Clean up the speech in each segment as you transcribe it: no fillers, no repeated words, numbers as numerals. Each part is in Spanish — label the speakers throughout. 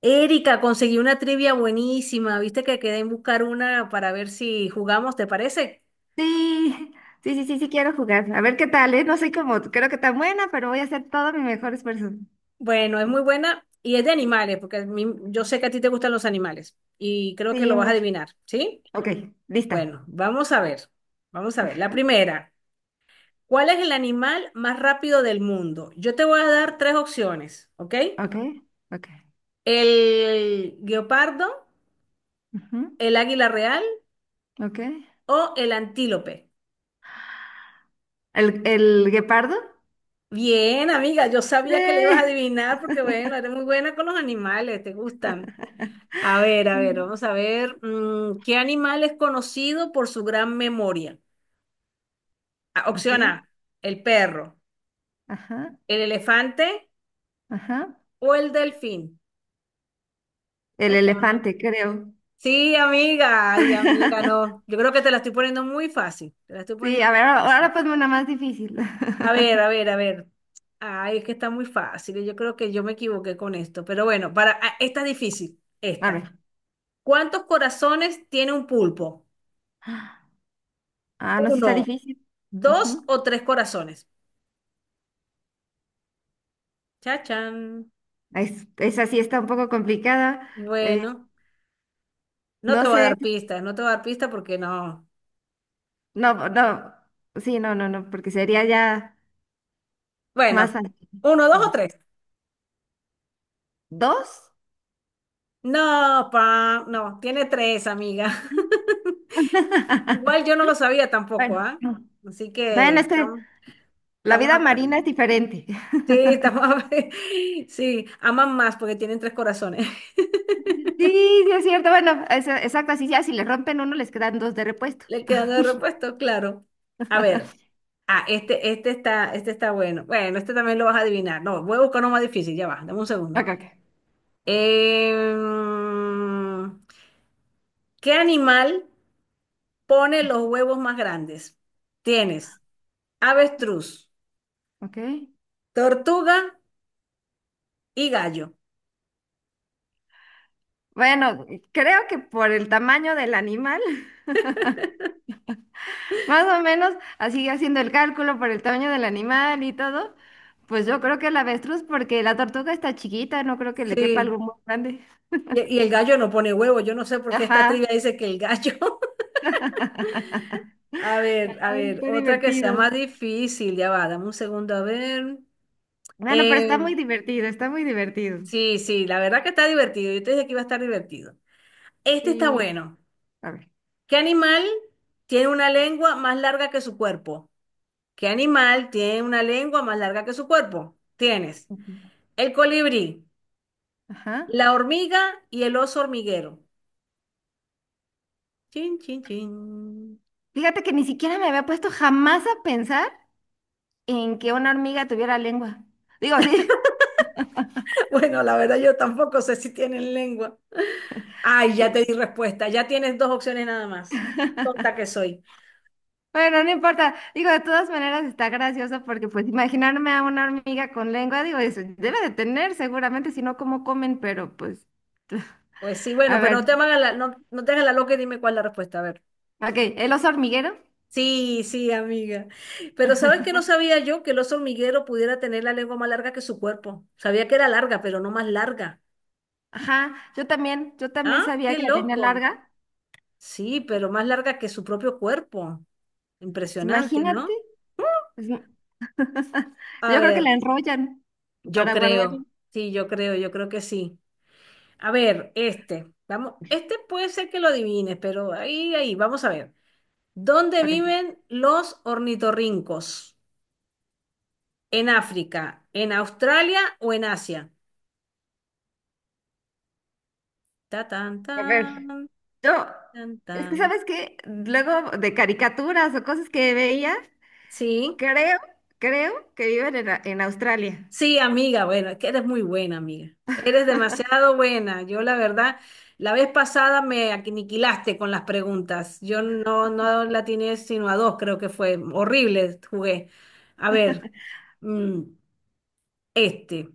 Speaker 1: Erika, conseguí una trivia buenísima. ¿Viste que quedé en buscar una para ver si jugamos, te parece?
Speaker 2: Sí, sí, sí, sí, sí quiero jugar. A ver qué tal, ¿eh? No soy como, creo que tan buena, pero voy a hacer todo mi mejor esfuerzo.
Speaker 1: Bueno, es muy buena y es de animales, porque yo sé que a ti te gustan los animales y creo que
Speaker 2: Sí,
Speaker 1: lo vas a
Speaker 2: mucho.
Speaker 1: adivinar, ¿sí?
Speaker 2: Ok, lista.
Speaker 1: Bueno, vamos a ver. Vamos a ver. La
Speaker 2: Ajá.
Speaker 1: primera, ¿cuál es el animal más rápido del mundo? Yo te voy a dar tres opciones, ¿ok?
Speaker 2: Ok, ok.
Speaker 1: El guepardo,
Speaker 2: Ujú.
Speaker 1: el águila real
Speaker 2: Ok.
Speaker 1: o el antílope.
Speaker 2: ¿El guepardo?
Speaker 1: Bien, amiga, yo sabía que le ibas
Speaker 2: Eh,
Speaker 1: a adivinar porque, bueno, eres muy buena con los animales, te gustan. A ver,
Speaker 2: Sí.
Speaker 1: vamos a ver. ¿Qué animal es conocido por su gran memoria? Ah,
Speaker 2: Ok.
Speaker 1: opción A, el perro,
Speaker 2: Ajá,
Speaker 1: el elefante
Speaker 2: ajá.
Speaker 1: o el delfín.
Speaker 2: El
Speaker 1: Chacha.
Speaker 2: elefante, creo.
Speaker 1: Sí, amiga, ay, amiga, no. Yo creo que te la estoy poniendo muy fácil. Te la estoy
Speaker 2: Sí,
Speaker 1: poniendo
Speaker 2: a
Speaker 1: muy
Speaker 2: ver, ahora
Speaker 1: fácil.
Speaker 2: ahora ponme una más difícil.
Speaker 1: A ver, a ver, a ver. Ay, es que está muy fácil. Yo creo que yo me equivoqué con esto. Pero bueno, para, esta es difícil.
Speaker 2: A
Speaker 1: Esta.
Speaker 2: ver.
Speaker 1: ¿Cuántos corazones tiene un pulpo?
Speaker 2: Ah, no, sí está
Speaker 1: ¿Uno,
Speaker 2: difícil.
Speaker 1: dos
Speaker 2: Ujú.
Speaker 1: o tres corazones? Chachán.
Speaker 2: Esa sí está un poco complicada. Eh,
Speaker 1: Bueno, no
Speaker 2: no
Speaker 1: te voy a
Speaker 2: sé.
Speaker 1: dar pistas, no te voy a dar pistas porque no.
Speaker 2: No, no, sí, no, no, no, porque sería ya más
Speaker 1: Bueno, uno, dos o
Speaker 2: no.
Speaker 1: tres.
Speaker 2: ¿Dos?
Speaker 1: No, pa, no, tiene tres, amiga. Igual yo no lo sabía tampoco,
Speaker 2: Bueno,
Speaker 1: ¿ah?
Speaker 2: no.
Speaker 1: Así que
Speaker 2: Bueno, es que
Speaker 1: estamos,
Speaker 2: la
Speaker 1: estamos
Speaker 2: vida marina
Speaker 1: aprendiendo.
Speaker 2: es diferente.
Speaker 1: Sí, estamos aprendiendo. Sí, aman más porque tienen tres corazones.
Speaker 2: Sí, sí es cierto. Bueno, exacto, así ya si le rompen uno, les quedan dos de repuesto.
Speaker 1: Le quedan de repuesto, claro. A ver. Ah, este está bueno. Bueno, este también lo vas a adivinar. No, voy a buscar uno más difícil, ya va, dame un segundo.
Speaker 2: Ok, ok.
Speaker 1: Em, ¿Qué animal pone los huevos más grandes? Tienes avestruz,
Speaker 2: Ok.
Speaker 1: tortuga y gallo.
Speaker 2: Bueno, creo que por el tamaño del animal, más o menos, así haciendo el cálculo por el tamaño del animal y todo, pues yo creo que el avestruz, porque la tortuga está chiquita, no creo que le quepa
Speaker 1: Sí.
Speaker 2: algo muy grande.
Speaker 1: Y el gallo no pone huevo. Yo no sé por qué esta trivia
Speaker 2: Ajá.
Speaker 1: dice que el gallo. A
Speaker 2: Ay,
Speaker 1: ver,
Speaker 2: está
Speaker 1: otra que sea
Speaker 2: divertido.
Speaker 1: más difícil, ya va, dame un segundo, a ver.
Speaker 2: Bueno, pero está muy
Speaker 1: Em,
Speaker 2: divertido, está muy divertido.
Speaker 1: Sí, sí, la verdad que está divertido. Yo te dije que iba a estar divertido. Este está
Speaker 2: Sí.
Speaker 1: bueno.
Speaker 2: A ver.
Speaker 1: ¿Qué animal tiene una lengua más larga que su cuerpo? ¿Qué animal tiene una lengua más larga que su cuerpo? Tienes
Speaker 2: Ujú.
Speaker 1: el colibrí,
Speaker 2: Ajá.
Speaker 1: la hormiga y el oso hormiguero. Chin, chin, chin.
Speaker 2: Fíjate que ni siquiera me había puesto jamás a pensar en que una hormiga tuviera lengua. Digo, sí,
Speaker 1: Bueno, la verdad yo tampoco sé si tienen lengua. Ay, ya te di
Speaker 2: sí.
Speaker 1: respuesta. Ya tienes dos opciones nada más. Tonta que soy.
Speaker 2: Bueno, no importa. Digo, de todas maneras está gracioso porque pues imaginarme a una hormiga con lengua, digo, eso debe de tener seguramente, si no, ¿cómo comen? Pero pues,
Speaker 1: Pues sí, bueno,
Speaker 2: a
Speaker 1: pero no te
Speaker 2: ver.
Speaker 1: hagas la, no, no te hagas la loca y dime cuál es la respuesta. A ver.
Speaker 2: Ok, el oso hormiguero.
Speaker 1: Sí, sí, amiga. Pero ¿sabes que no sabía yo que el oso hormiguero pudiera tener la lengua más larga que su cuerpo? Sabía que era larga, pero no más larga.
Speaker 2: Ajá, yo también
Speaker 1: ¿Ah?
Speaker 2: sabía
Speaker 1: ¡Qué
Speaker 2: que la tenía
Speaker 1: loco!
Speaker 2: larga.
Speaker 1: Sí, pero más larga que su propio cuerpo. Impresionante,
Speaker 2: Imagínate.
Speaker 1: ¿no?
Speaker 2: Pues,
Speaker 1: A
Speaker 2: yo creo que
Speaker 1: ver,
Speaker 2: la enrollan
Speaker 1: yo
Speaker 2: para guardarla.
Speaker 1: creo. Sí, yo creo que sí. A ver, este. Vamos, este puede ser que lo adivines, pero ahí, ahí, vamos a ver. ¿Dónde
Speaker 2: Ok. A
Speaker 1: viven los ornitorrincos? ¿En África, en Australia o en Asia? Ta tan tan
Speaker 2: ver, yo,
Speaker 1: tan
Speaker 2: es que
Speaker 1: tan.
Speaker 2: sabes que luego de caricaturas o cosas que veía,
Speaker 1: Sí,
Speaker 2: creo, creo que viven en, en Australia.
Speaker 1: sí, amiga, bueno, es que eres muy buena, amiga. Eres demasiado buena. Yo, la verdad, la vez pasada me aniquilaste con las preguntas. Yo no, no la tiene sino a dos, creo que fue. Horrible, jugué. A ver, mm, este,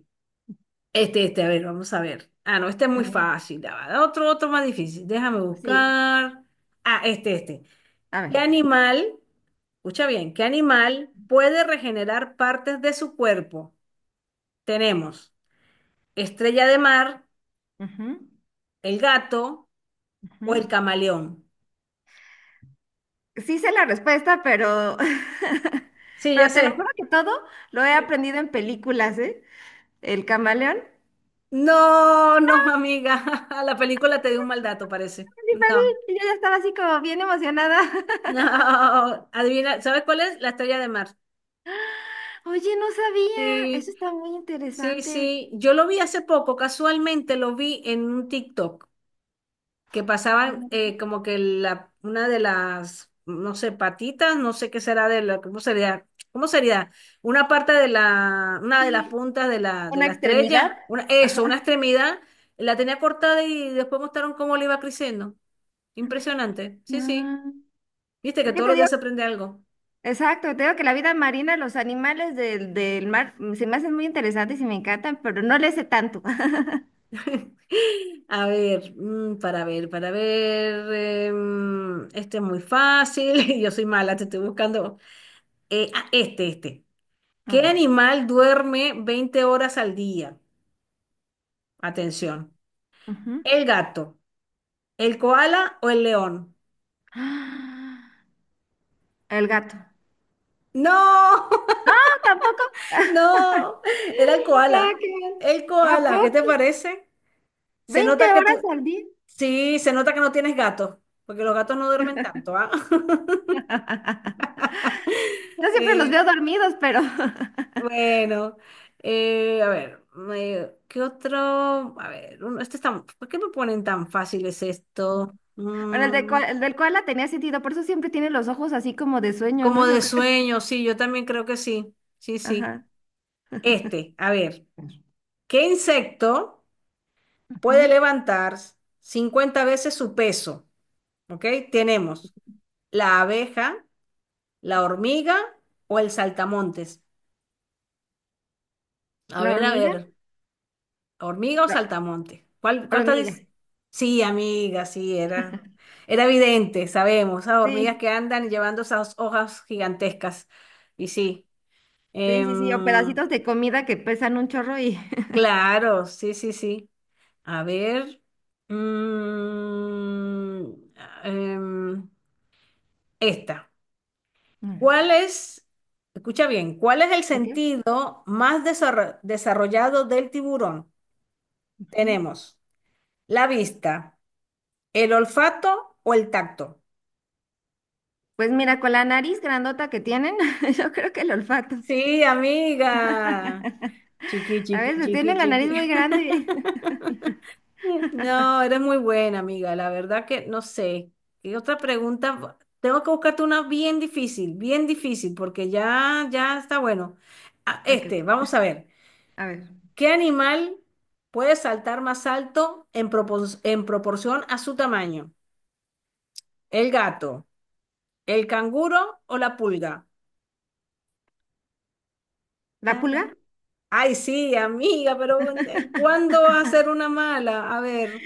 Speaker 1: este, a ver, vamos a ver. Ah, no, este es
Speaker 2: A
Speaker 1: muy
Speaker 2: ver,
Speaker 1: fácil. Ya va. Otro, otro más difícil. Déjame
Speaker 2: sí,
Speaker 1: buscar. Ah, este.
Speaker 2: a ver.
Speaker 1: ¿Qué animal? Escucha bien, ¿qué animal puede regenerar partes de su cuerpo? Tenemos estrella de mar,
Speaker 2: Ujú,
Speaker 1: el gato o
Speaker 2: ujú.
Speaker 1: el camaleón.
Speaker 2: Sí sé la respuesta, pero,
Speaker 1: Sí, ya
Speaker 2: pero te lo juro
Speaker 1: sé.
Speaker 2: que todo lo he
Speaker 1: Sí.
Speaker 2: aprendido en películas, ¿eh? El camaleón.
Speaker 1: No, no, amiga. La película te dio un mal dato, parece.
Speaker 2: Sí,
Speaker 1: No,
Speaker 2: papi, y yo ya estaba así como bien emocionada.
Speaker 1: no. Adivina, ¿sabes cuál es? La estrella de mar.
Speaker 2: Oye, no sabía. Eso
Speaker 1: Sí,
Speaker 2: está muy
Speaker 1: sí,
Speaker 2: interesante.
Speaker 1: sí. Yo lo vi hace poco, casualmente lo vi en un TikTok. Que pasaban como que la, una de las, no sé, patitas, no sé qué será de la, ¿cómo sería? ¿Cómo sería? Una parte de la, una de las
Speaker 2: Sí,
Speaker 1: puntas de
Speaker 2: una
Speaker 1: la
Speaker 2: extremidad.
Speaker 1: estrella, una,
Speaker 2: Ajá.
Speaker 1: eso, una extremidad, la tenía cortada y después mostraron cómo le iba creciendo. Impresionante, sí, sí.
Speaker 2: Ah,
Speaker 1: Viste que
Speaker 2: es que
Speaker 1: todos
Speaker 2: te
Speaker 1: los
Speaker 2: digo,
Speaker 1: días se aprende algo.
Speaker 2: exacto, te digo que la vida marina, los animales del mar, se me hacen muy interesantes y me encantan, pero no le sé tanto.
Speaker 1: A ver, para ver, para ver. Este es muy fácil, yo soy mala, te estoy buscando. Este, este.
Speaker 2: A
Speaker 1: ¿Qué
Speaker 2: ver.
Speaker 1: animal duerme 20 horas al día? Atención.
Speaker 2: Ujú.
Speaker 1: ¿El gato, el koala o el león?
Speaker 2: Ah, el gato.
Speaker 1: No,
Speaker 2: No, tampoco.
Speaker 1: no, era el
Speaker 2: Ah,
Speaker 1: koala.
Speaker 2: qué mal.
Speaker 1: El
Speaker 2: ¿A
Speaker 1: koala, ¿qué te
Speaker 2: poco?
Speaker 1: parece? Se
Speaker 2: 20
Speaker 1: nota que
Speaker 2: horas
Speaker 1: tú,
Speaker 2: al día.
Speaker 1: sí, se nota que no tienes gatos, porque los gatos no duermen tanto, ¿ah?
Speaker 2: Yo siempre los
Speaker 1: Eh,
Speaker 2: veo dormidos, pero.
Speaker 1: bueno, a ver, ¿qué otro? A ver, este está, ¿por qué me ponen tan fáciles esto?
Speaker 2: Bueno,
Speaker 1: Mm.
Speaker 2: el del koala tenía sentido, por eso siempre tiene los ojos así como de sueño, ¿no?
Speaker 1: Como
Speaker 2: Yo
Speaker 1: de
Speaker 2: creo.
Speaker 1: sueño, sí, yo también creo que sí. Sí, sí.
Speaker 2: Ajá.
Speaker 1: Este, a ver, ¿qué insecto puede
Speaker 2: Ujú.
Speaker 1: levantar 50 veces su peso? ¿Ok? Tenemos la abeja, la hormiga o el saltamontes.
Speaker 2: ¿La
Speaker 1: A
Speaker 2: hormiga?
Speaker 1: ver, ¿hormiga o
Speaker 2: La
Speaker 1: saltamontes? ¿Cuál te
Speaker 2: hormiga.
Speaker 1: dice? Sí, amiga, sí, era, era evidente, sabemos, esas hormigas
Speaker 2: Sí,
Speaker 1: que andan llevando esas hojas gigantescas. Y sí,
Speaker 2: sí, sí, sí. O
Speaker 1: em,
Speaker 2: pedacitos de comida que pesan un chorro y...
Speaker 1: claro, sí, sí, sí. A ver. mm, em, esta.
Speaker 2: Órale.
Speaker 1: ¿Cuál es, escucha bien, cuál es el
Speaker 2: Ok.
Speaker 1: sentido más desarrollado del tiburón?
Speaker 2: Ujú.
Speaker 1: Tenemos la vista, el olfato o el tacto.
Speaker 2: Pues mira, con la nariz grandota que tienen, yo creo que el olfato.
Speaker 1: Sí, amiga. Chiqui,
Speaker 2: A
Speaker 1: chiqui,
Speaker 2: veces
Speaker 1: chiqui,
Speaker 2: tienen la nariz muy
Speaker 1: chiqui.
Speaker 2: grande.
Speaker 1: No, eres muy buena, amiga. La verdad que no sé. ¿Qué otra pregunta? Tengo que buscarte una bien difícil, porque ya, ya está bueno. Ah,
Speaker 2: Ok,
Speaker 1: este,
Speaker 2: ok.
Speaker 1: vamos a ver.
Speaker 2: A ver.
Speaker 1: ¿Qué animal puede saltar más alto en proporción a su tamaño? ¿El gato, el canguro o la pulga?
Speaker 2: ¿La
Speaker 1: Tarán.
Speaker 2: pulga?
Speaker 1: Ay, sí, amiga, pero ¿cuándo va a ser una mala? A ver.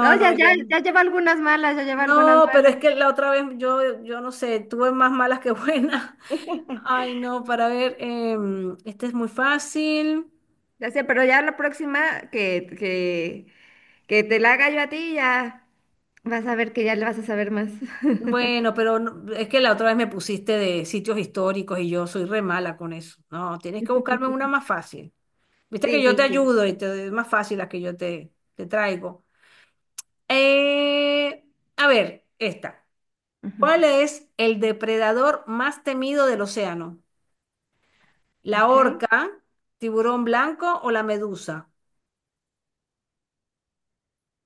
Speaker 2: No, ya,
Speaker 1: no,
Speaker 2: ya,
Speaker 1: yo.
Speaker 2: ya lleva algunas malas, ya lleva algunas
Speaker 1: No, pero es
Speaker 2: malas.
Speaker 1: que la otra vez yo, no sé, tuve más malas que buenas. Ay, no, para ver, este es muy fácil.
Speaker 2: Ya sé, pero ya la próxima que te la haga yo a ti, ya. Vas a ver que ya le vas a saber más.
Speaker 1: Bueno, pero es que la otra vez me pusiste de sitios históricos y yo soy re mala con eso. No, tienes que buscarme una más fácil. Viste
Speaker 2: Sí,
Speaker 1: que yo
Speaker 2: sí,
Speaker 1: te
Speaker 2: sí.
Speaker 1: ayudo y te doy más fácil las que yo te traigo. Eh, a ver, esta.
Speaker 2: Ujú.
Speaker 1: ¿Cuál es el depredador más temido del océano? ¿La
Speaker 2: Ok.
Speaker 1: orca, tiburón blanco o la medusa?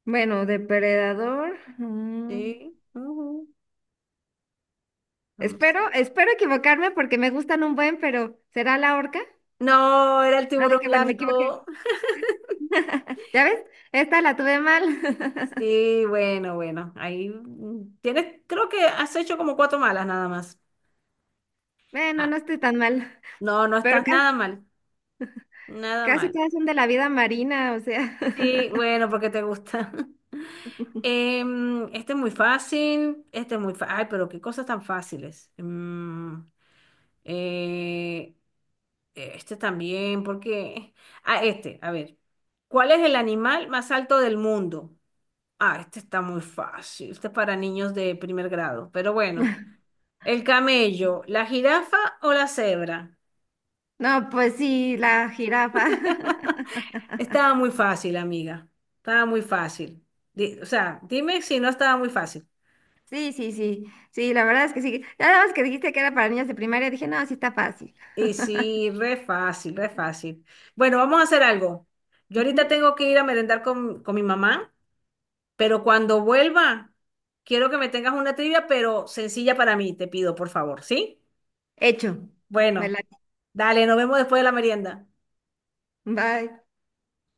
Speaker 2: Bueno, depredador.
Speaker 1: Sí, ujú, vamos.
Speaker 2: Espero, espero equivocarme porque me gustan un buen, pero ¿será la orca?
Speaker 1: No, era el
Speaker 2: Ah,
Speaker 1: tiburón
Speaker 2: qué bueno, me equivoqué.
Speaker 1: blanco.
Speaker 2: ¿Ya ves? Esta la tuve mal.
Speaker 1: Sí, bueno, bueno. Ahí tienes, creo que has hecho como cuatro malas nada más.
Speaker 2: Bueno,
Speaker 1: Ah,
Speaker 2: no estoy tan mal.
Speaker 1: no, no
Speaker 2: Pero
Speaker 1: estás nada mal. Nada
Speaker 2: casi
Speaker 1: mal.
Speaker 2: todas son de la vida marina, o sea.
Speaker 1: Sí, bueno, porque te gusta. Em, este es muy fácil. Este es muy fácil. Ay, pero qué cosas tan fáciles. Eh, este también, porque. Ah, este, a ver. ¿Cuál es el animal más alto del mundo? Ah, este está muy fácil. Este es para niños de primer grado. Pero bueno, el camello, la jirafa o la cebra.
Speaker 2: No, pues sí, la jirafa.
Speaker 1: Estaba muy fácil, amiga. Estaba muy fácil. O sea, dime si no estaba muy fácil.
Speaker 2: Sí, sí, sí. Sí, la verdad es que sí. Ya nada más que dijiste que era para niñas de primaria, dije, no, sí está fácil.
Speaker 1: Y sí, re fácil, re fácil. Bueno, vamos a hacer algo. Yo
Speaker 2: Ujú.
Speaker 1: ahorita tengo que ir a merendar con, mi mamá, pero cuando vuelva, quiero que me tengas una trivia, pero sencilla para mí, te pido, por favor, ¿sí?
Speaker 2: Hecho. Me la...
Speaker 1: Bueno, dale, nos vemos después de la merienda.
Speaker 2: Bye.